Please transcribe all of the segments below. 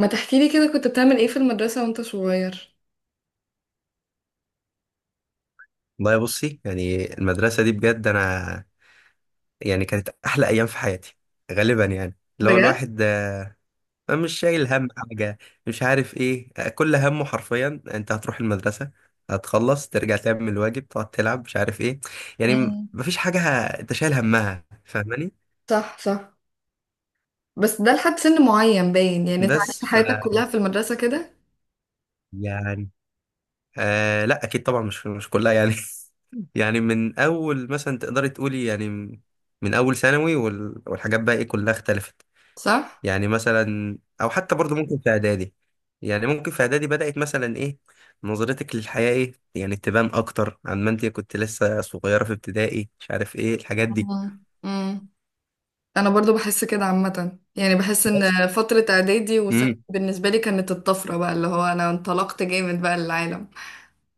ما تحكي لي كده كنت بتعمل ايه في المدرسة وانت صغير؟ والله بصي، يعني المدرسة دي بجد أنا يعني كانت أحلى أيام في حياتي. غالبا يعني اللي هو بجد؟ الواحد مش شايل هم حاجة، مش عارف إيه، كل همه حرفيا أنت هتروح المدرسة، هتخلص ترجع تعمل الواجب، تقعد تلعب، مش عارف إيه. يعني مم. مفيش حاجة أنت شايل همها، فاهماني؟ صح صح. بس ده لحد سن معين باين، يعني انت عشت بس حياتك كلها في المدرسة كده. يعني، آه لا، أكيد طبعا مش كلها يعني. يعني من أول مثلا تقدري تقولي، يعني من أول ثانوي والحاجات بقى إيه كلها اختلفت. صح. يعني مثلا او حتى برضو ممكن في اعدادي، يعني ممكن في اعدادي بدأت مثلا ايه، نظرتك للحياة ايه يعني، تبان اكتر عن ما انت كنت لسه صغيرة في ابتدائي، مش عارف ايه الحاجات دي. مم. مم. انا برضو بحس كده عامة، يعني بحس بس ان فترة اعدادي وثانوي امم بالنسبة لي كانت الطفرة بقى، اللي هو انا انطلقت جامد بقى للعالم.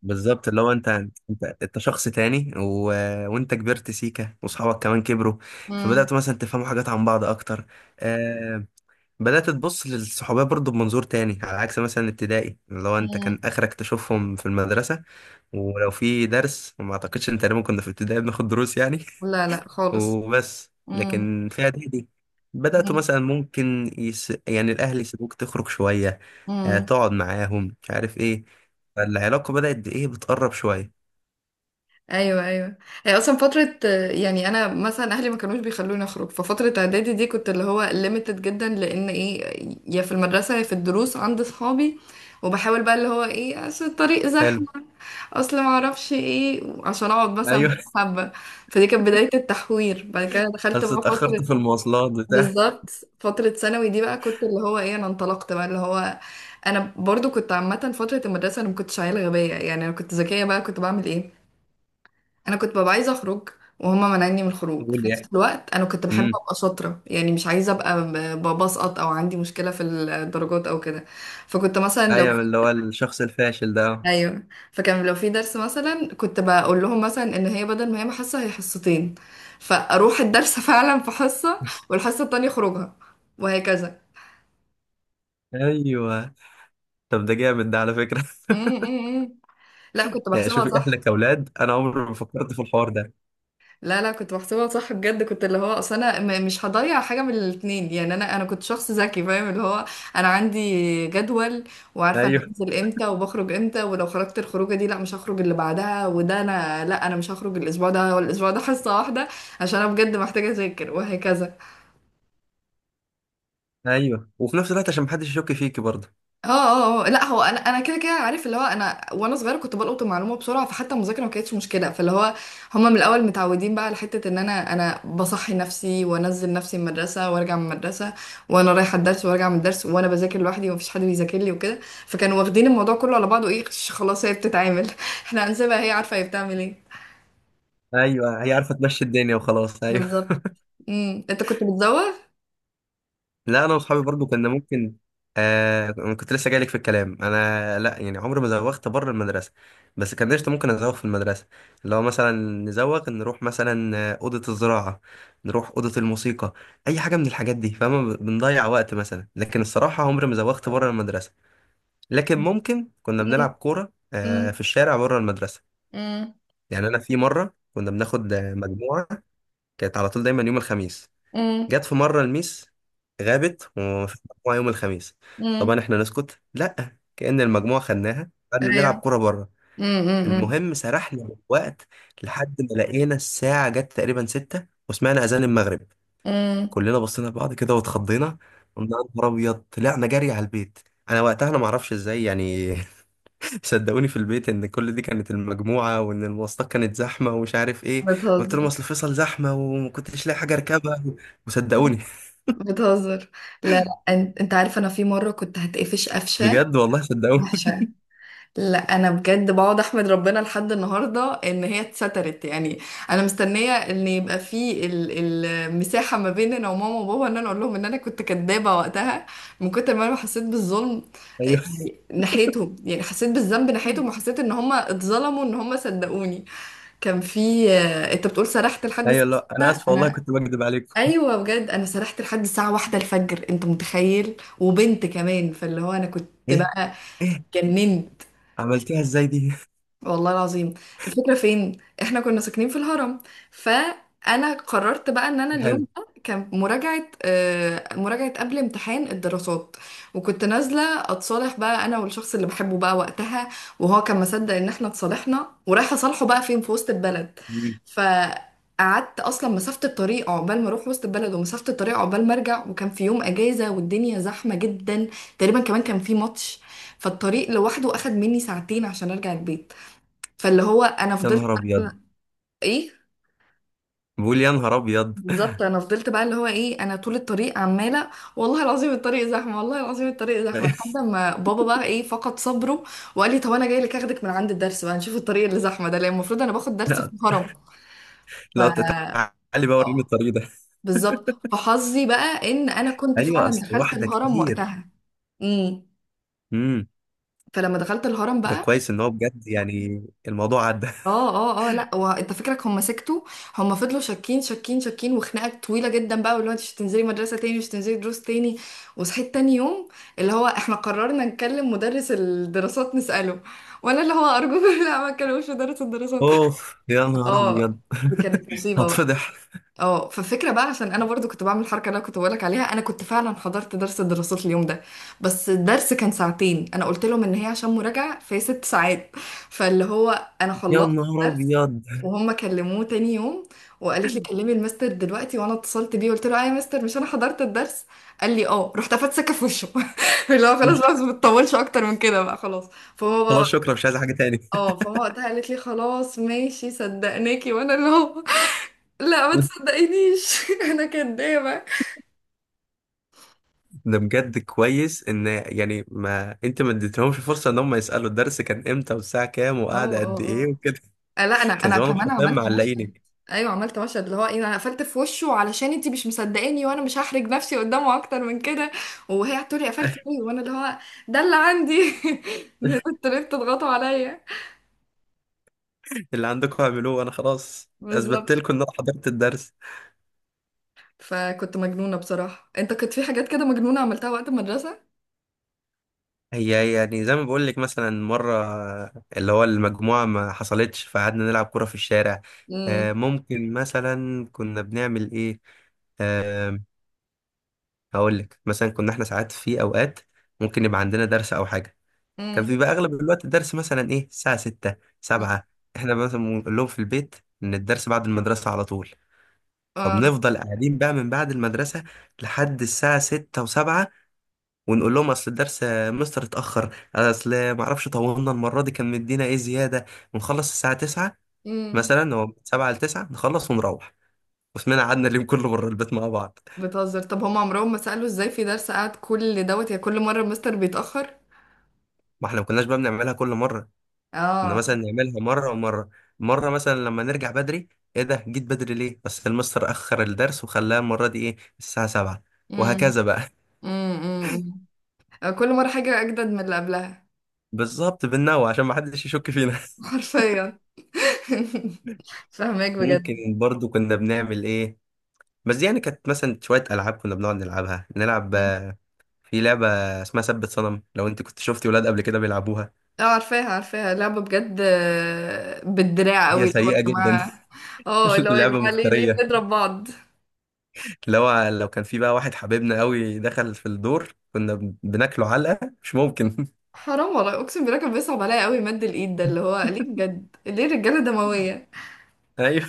بالظبط اللي هو انت شخص تاني، وانت كبرت سيكا، واصحابك كمان كبروا. مم. فبدأتوا مثلا تفهموا حاجات عن بعض اكتر، آه... بدأت تبص للصحوبية برضو بمنظور تاني، على عكس مثلا ابتدائي اللي هو انت كان مم. اخرك تشوفهم في المدرسة. ولو في درس، وما اعتقدش ان تقريبا كنا في ابتدائي بناخد دروس يعني. لا لا خالص. وبس، مم. لكن في اعدادي بدأت مم. مثلا ممكن يعني الاهل يسيبوك تخرج شوية، مم. تقعد معاهم مش عارف ايه، فالعلاقة بدأت بايه، بتقرب شوية. ايوه ايوه. هي اصلا فتره، يعني انا مثلا اهلي ما كانوش بيخلوني اخرج، ففتره اعدادي دي كنت اللي هو ليميتد جدا، لان ايه، يا في المدرسه يا في الدروس عند صحابي. وبحاول بقى اللي هو ايه، اصل الطريق حلو. زحمه، اصل ما اعرفش ايه، عشان اقعد مثلا ايوه. مع حبه. فدي كانت بدايه التحوير. بعد كده دخلت بس بقى اتأخرت فتره، في المواصلات بتاع. بالظبط، فتره ثانوي دي بقى كنت اللي هو ايه، انا انطلقت بقى اللي هو. انا برضو كنت عامه فتره المدرسه انا ما كنتش عيله غبيه، يعني انا كنت ذكيه، بقى كنت بعمل ايه، انا كنت ببقى عايزه اخرج وهما منعني من الخروج. بقول في نفس يعني، الوقت انا كنت بحب امم ابقى شاطره، يعني مش عايزه ابقى بسقط او عندي مشكله في الدرجات او كده. فكنت مثلا لو ايوه اللي هو الشخص الفاشل ده. ايوه. فكان لو في درس مثلا كنت بقول لهم مثلا ان هي بدل ما هي حصه هي حصتين، فاروح الدرس فعلا في حصه، والحصه التانية اخرجها، وهكذا. ايوه. طب ده جامد ده على فكرة! م- م- م. لا، كنت يعني بحسبها شوفي صح. اهلك اولاد، انا عمري ما فكرت في الحوار ده. لا لا، كنت بحسبها صح بجد. كنت اللي هو اصل انا مش هضيع حاجه من الاتنين، يعني انا كنت شخص ذكي، فاهم اللي هو انا عندي جدول، وعارفه انا ايوه، بنزل امتى وبخرج امتى، ولو خرجت الخروجه دي لا مش هخرج اللي بعدها، وده انا لا انا مش هخرج الاسبوع ده، ولا الاسبوع ده حصه واحده، عشان انا بجد محتاجه اذاكر، وهكذا. ايوه، وفي نفس الوقت عشان محدش يشك فيكي برضه. اه اه لا هو انا كده كده عارف اللي هو انا وانا صغيره كنت بلقط المعلومه بسرعه، فحتى المذاكره ما كانتش مشكله. فاللي هو هما من الاول متعودين بقى على حته ان انا بصحي نفسي وانزل نفسي من المدرسه وارجع من المدرسه، وانا رايحه الدرس وارجع من الدرس، وانا بذاكر لوحدي ومفيش حد بيذاكر لي وكده. فكانوا واخدين الموضوع كله على بعضه ايه، خلاص هي بتتعامل، احنا هنسيبها هي عارفه هي بتعمل ايه. ايوه، هي عارفه تمشي الدنيا وخلاص، ايوه. بالظبط. امم، انت كنت بتزوغ؟ لا، انا واصحابي برضه كنا ممكن. آه، أنا كنت لسه جايلك في الكلام. انا لا يعني، عمري ما زوغت بره المدرسه، بس كان قشطه ممكن ازوغ في المدرسه. اللي هو مثلا، نزوغ نروح مثلا اوضه الزراعه، نروح اوضه الموسيقى، اي حاجه من الحاجات دي، فاهمه، بنضيع وقت مثلا. لكن الصراحه عمري ما زوغت بره المدرسه، لكن ممكن كنا بنلعب امم كوره امم في الشارع بره المدرسه. امم يعني انا في مره كنا بناخد مجموعه، كانت على طول دايما يوم الخميس. امم. جت في مره الميس غابت ومفيش مجموعه يوم الخميس. أمم. طبعا احنا نسكت، لا كأن المجموعه خدناها، قعدنا ايوه. نلعب كوره بره. امم. المهم سرحنا وقت، لحد ما لقينا الساعه جت تقريبا 6 وسمعنا اذان المغرب. أمم. كلنا بصينا لبعض كده واتخضينا، قلنا يا نهار ابيض، طلعنا جري على البيت. انا وقتها انا ما اعرفش ازاي يعني. صدقوني في البيت ان كل دي كانت المجموعه، وان المواصلات كانت زحمه ومش عارف ايه. قلت لهم بتهزر. اصل فيصل زحمه وما كنتش لاقي حاجه اركبها، وصدقوني. بتهزر. لا لا، انت عارف انا في مره كنت هتقفش قفشه بجد والله صدقوني. وحشه. لا انا بجد بقعد احمد ربنا لحد النهارده ان هي اتسترت، يعني انا مستنيه ان يبقى في المساحه ما بين انا وماما وبابا ان انا اقول لهم ان انا كنت كدابه وقتها، من كتر ما انا حسيت بالظلم ايوه، يعني ناحيتهم، يعني حسيت بالذنب ناحيتهم وحسيت ان هم اتظلموا، ان هم صدقوني. كان في، انت بتقول سرحت لحد ايوه، ستة؟ لا انا اسف والله انا كنت بكذب عليكم. ايوه بجد، انا سرحت لحد الساعه واحدة الفجر، انت متخيل؟ وبنت كمان. فاللي هو انا كنت ايه! بقى ايه! جننت. عملتيها ازاي دي؟ والله العظيم. الفكرة فين؟ احنا كنا ساكنين في الهرم، فانا قررت بقى ان انا اليوم حلو. ده كان مراجعة، مراجعة قبل امتحان الدراسات. وكنت نازلة اتصالح بقى انا والشخص اللي بحبه بقى وقتها، وهو كان مصدق ان احنا اتصالحنا ورايحة اصالحه بقى، فين، في وسط البلد. مم. فقعدت اصلا مسافة الطريق عقبال ما اروح وسط البلد، ومسافة الطريق عقبال ما ارجع، وكان في يوم اجازة والدنيا زحمة جدا، تقريبا كمان كان في ماتش، فالطريق لوحده اخد مني ساعتين عشان ارجع البيت. فاللي هو انا يا فضلت نهار ابيض، بقى- ايه، بقول يا نهار ابيض. بالظبط، انا فضلت بقى اللي هو ايه، انا طول الطريق عماله والله العظيم الطريق زحمه، والله العظيم الطريق زحمه، لحد ما بابا بقى ايه فقد صبره وقال لي طب انا جاي لك اخدك من عند الدرس بقى، نشوف الطريق اللي زحمه ده، لان المفروض انا باخد درس لا، في الهرم. ف لا، تعالي بقى وريني اه، الطريق ده. بالظبط. فحظي بقى ان انا كنت ايوه، فعلا اصل دخلت واحده الهرم كتير. وقتها. امم، امم فلما دخلت الهرم ده بقى، كويس ان هو بجد يعني، الموضوع عدى. اه اه اه، لا وانت فكرك هم سكتوا؟ هم فضلوا شاكين شاكين شاكين، وخناقه طويله جدا بقى، واللي هو انت مش هتنزلي مدرسه تاني، مش هتنزلي دروس تاني. وصحيت تاني يوم، اللي هو احنا قررنا نكلم مدرس الدراسات نساله، وانا اللي هو ارجوكم، لا ما تكلموش مدرس الدراسات. اوف يا نهار اه، ابيض. دي كانت مصيبه بقى. هتفضح! اه، فالفكره بقى عشان انا برضو كنت بعمل الحركه اللي انا كنت بقولك عليها. انا كنت فعلا حضرت درس الدراسات اليوم ده، بس الدرس كان ساعتين، انا قلت لهم ان هي عشان مراجعه فهي ست ساعات. فاللي هو انا يا خلصت نهار الدرس ابيض. وهم كلموه تاني يوم، وقالت لي كلمي المستر دلوقتي. وانا اتصلت بيه قلت له اه يا مستر، مش انا حضرت الدرس، قال لي اه. رحت افت سكه في وشه، اللي هو خلاص بقى ما بتطولش اكتر من كده بقى، خلاص. فهو بقى خلاص، شكرا، مش عايز حاجه تاني. اه، فهو وقتها قالت لي خلاص ماشي صدقناكي. وانا اللي هو لا ما تصدقينيش، انا كدابه اه. ده بجد كويس، ان يعني ما انت ما اديتهمش فرصه ان هم يسالوا الدرس كان امتى والساعه كام وقعد اه قد ايه وكده. اه، لا انا كان انا زمانهم كمان حرفيا عملت مشهد. معلقينك. ايوه، عملت مشهد اللي هو ايه، انا قفلت في وشه، علشان انتي مش مصدقاني وانا مش هحرج نفسي قدامه اكتر من كده. وهي هتقولي قفلت ليه، وانا اللي هو ده اللي عندي، انتوا ليه بتضغطوا عليا؟ اللي عندكم اعملوه، انا خلاص اثبتت بالظبط. لكم ان انا حضرت الدرس. فكنت مجنونه بصراحه. انت كنت في حاجات كده مجنونه عملتها وقت المدرسه؟ هي يعني زي ما بقول لك مثلا، مره، اللي هو المجموعه ما حصلتش فقعدنا نلعب كوره في الشارع. امم ممكن مثلا كنا بنعمل ايه. آه، هقول لك مثلا، كنا احنا ساعات في اوقات ممكن يبقى عندنا درس او حاجه، كان امم بيبقى اغلب الوقت الدرس مثلا ايه الساعه 6 7. احنا مثلا بنقول لهم في البيت ان الدرس بعد المدرسه على طول، اه فبنفضل قاعدين بقى من بعد المدرسه لحد الساعه 6 و7، ونقول لهم اصل الدرس يا مستر اتاخر، اصل ما اعرفش طولنا المره دي كان مدينا ايه زياده، ونخلص الساعه 9. امم. مثلا هو من 7 ل 9 نخلص ونروح، واسمنا قعدنا اليوم كله بره البيت مع بعض. بتهزر؟ طب هم عمرهم ما سالوا ازاي في درس قعد كل دوت، يا كل مره المستر بيتاخر؟ ما احنا ما كناش بقى بنعملها كل مره، كنا اه. مثلا نعملها مرة ومرة. مرة مثلا لما نرجع بدري، ايه ده، جيت بدري ليه؟ بس المستر أخر الدرس وخلاها المرة دي ايه الساعة 7. امم وهكذا بقى. امم. كل مرة حاجة أجدد من اللي قبلها. بالظبط بالنوع عشان ما حدش يشك فينا. حرفيا. فاهمك ممكن بجد. برضو كنا بنعمل ايه. بس دي يعني كانت مثلا شوية ألعاب كنا بنقعد نلعبها. نلعب مم. في لعبة اسمها ثبت صنم، لو انت كنت شفتي ولاد قبل كده بيلعبوها. اه، عارفاها عارفاها، لعبة بجد، بالدراع قوي، هي اللي هو يا سيئة جدا. جماعة. اه، اللي هو يا لعبة جماعة، ليه ليه مفترية. بنضرب بعض؟ لو كان في بقى واحد حبيبنا قوي دخل في الدور، كنا بناكله علقة مش ممكن. حرام والله، اقسم بالله كان بيصعب عليا قوي مد الايد ده، اللي هو ليه بجد، ليه الرجالة دموية؟ ايوه،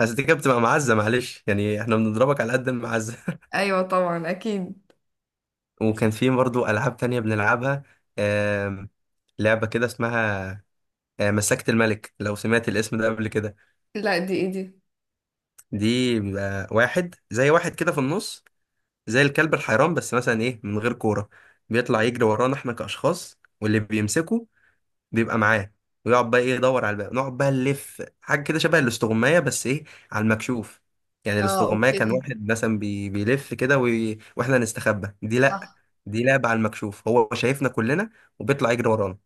بس دي كانت بتبقى معزه، معلش يعني احنا بنضربك على قد المعزه. ايوه طبعا اكيد. وكان في برضو العاب تانية بنلعبها. آم، لعبه كده اسمها مسكت الملك، لو سمعت الاسم ده قبل كده. لا دي ايه دي؟ دي بيبقى واحد زي واحد كده في النص، زي الكلب الحيران بس مثلا ايه من غير كوره. بيطلع يجري ورانا احنا كاشخاص، واللي بيمسكه بيبقى معاه، ويقعد بقى ايه يدور على الباقي، نقعد بقى نلف حاجه كده شبه الاستغمايه بس ايه على المكشوف. يعني اه الاستغمايه كان اوكي، واحد مثلا بيلف كده واحنا نستخبى. دي لا، صح. دي لعبه على المكشوف، هو شايفنا كلنا وبيطلع يجري ورانا.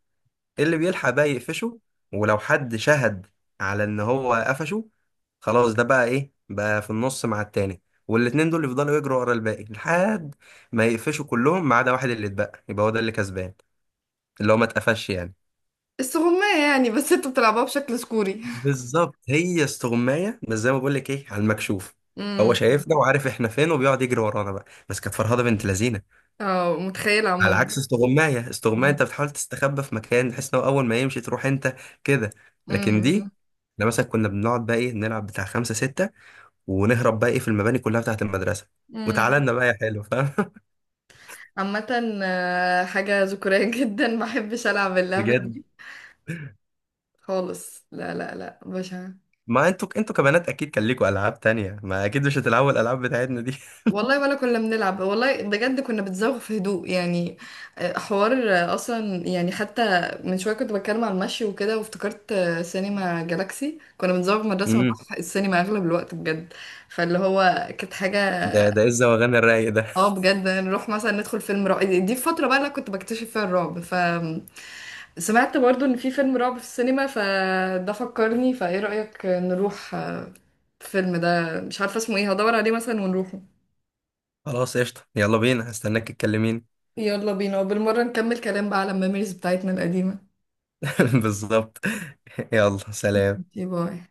إيه اللي بيلحق بقى يقفشه، ولو حد شهد على ان هو قفشه، خلاص ده بقى ايه بقى في النص مع التاني، والاتنين دول يفضلوا يجروا ورا الباقي، لحد ما يقفشوا كلهم ما عدا واحد. اللي اتبقى يبقى هو ده اللي كسبان، اللي هو ما اتقفش يعني. السغمية يعني، بس انتوا بتلعبوها بشكل سكوري. بالظبط، هي استغمايه بس زي ما بقول لك ايه على المكشوف، هو امم. شايفنا وعارف احنا فين وبيقعد يجري ورانا بقى، بس كانت فرهده بنت لذينه. اه، متخيلة على عموما. عكس استغمايه، استغمايه انت بتحاول تستخبى في مكان بحيث انه اول ما يمشي تروح انت كده. لكن امم دي احنا مثلا كنا بنقعد بقى ايه نلعب بتاع خمسه سته، ونهرب بقى ايه في المباني كلها بتاعت المدرسه، وتعالى امم. لنا بقى يا حلو، فاهم؟ عامة، حاجة ذكورية جدا، ما بحبش ألعب اللعبة بجد. دي خالص، لا لا لا، بشع. ما انتوا كبنات، اكيد كان ليكوا العاب تانية، ما اكيد مش هتلعبوا الالعاب بتاعتنا دي. والله ولا كنا بنلعب والله، بجد كنا بتزوغ في هدوء يعني، حوار، أصلا يعني حتى من شوية كنت بتكلم على المشي وكده، وافتكرت، سينما جالاكسي كنا بنزوغ من المدرسة امم ونروح السينما أغلب الوقت بجد. فاللي هو كانت حاجة، ده ايه الزواغان الرايق ده؟ اه بجد نروح مثلا ندخل فيلم رعب، دي الفترة بقى اللي أنا كنت بكتشف فيها الرعب. سمعت برضو ان في فيلم رعب في السينما، فده فكرني، فايه رأيك نروح، الفيلم ده مش عارفة اسمه ايه، هدور عليه مثلا ونروحه. خلاص قشطة، يلا بينا، هستناك تكلميني. يلا بينا، وبالمرة نكمل كلام بقى على الميموريز بتاعتنا القديمة. بالظبط. يلا سلام. باي.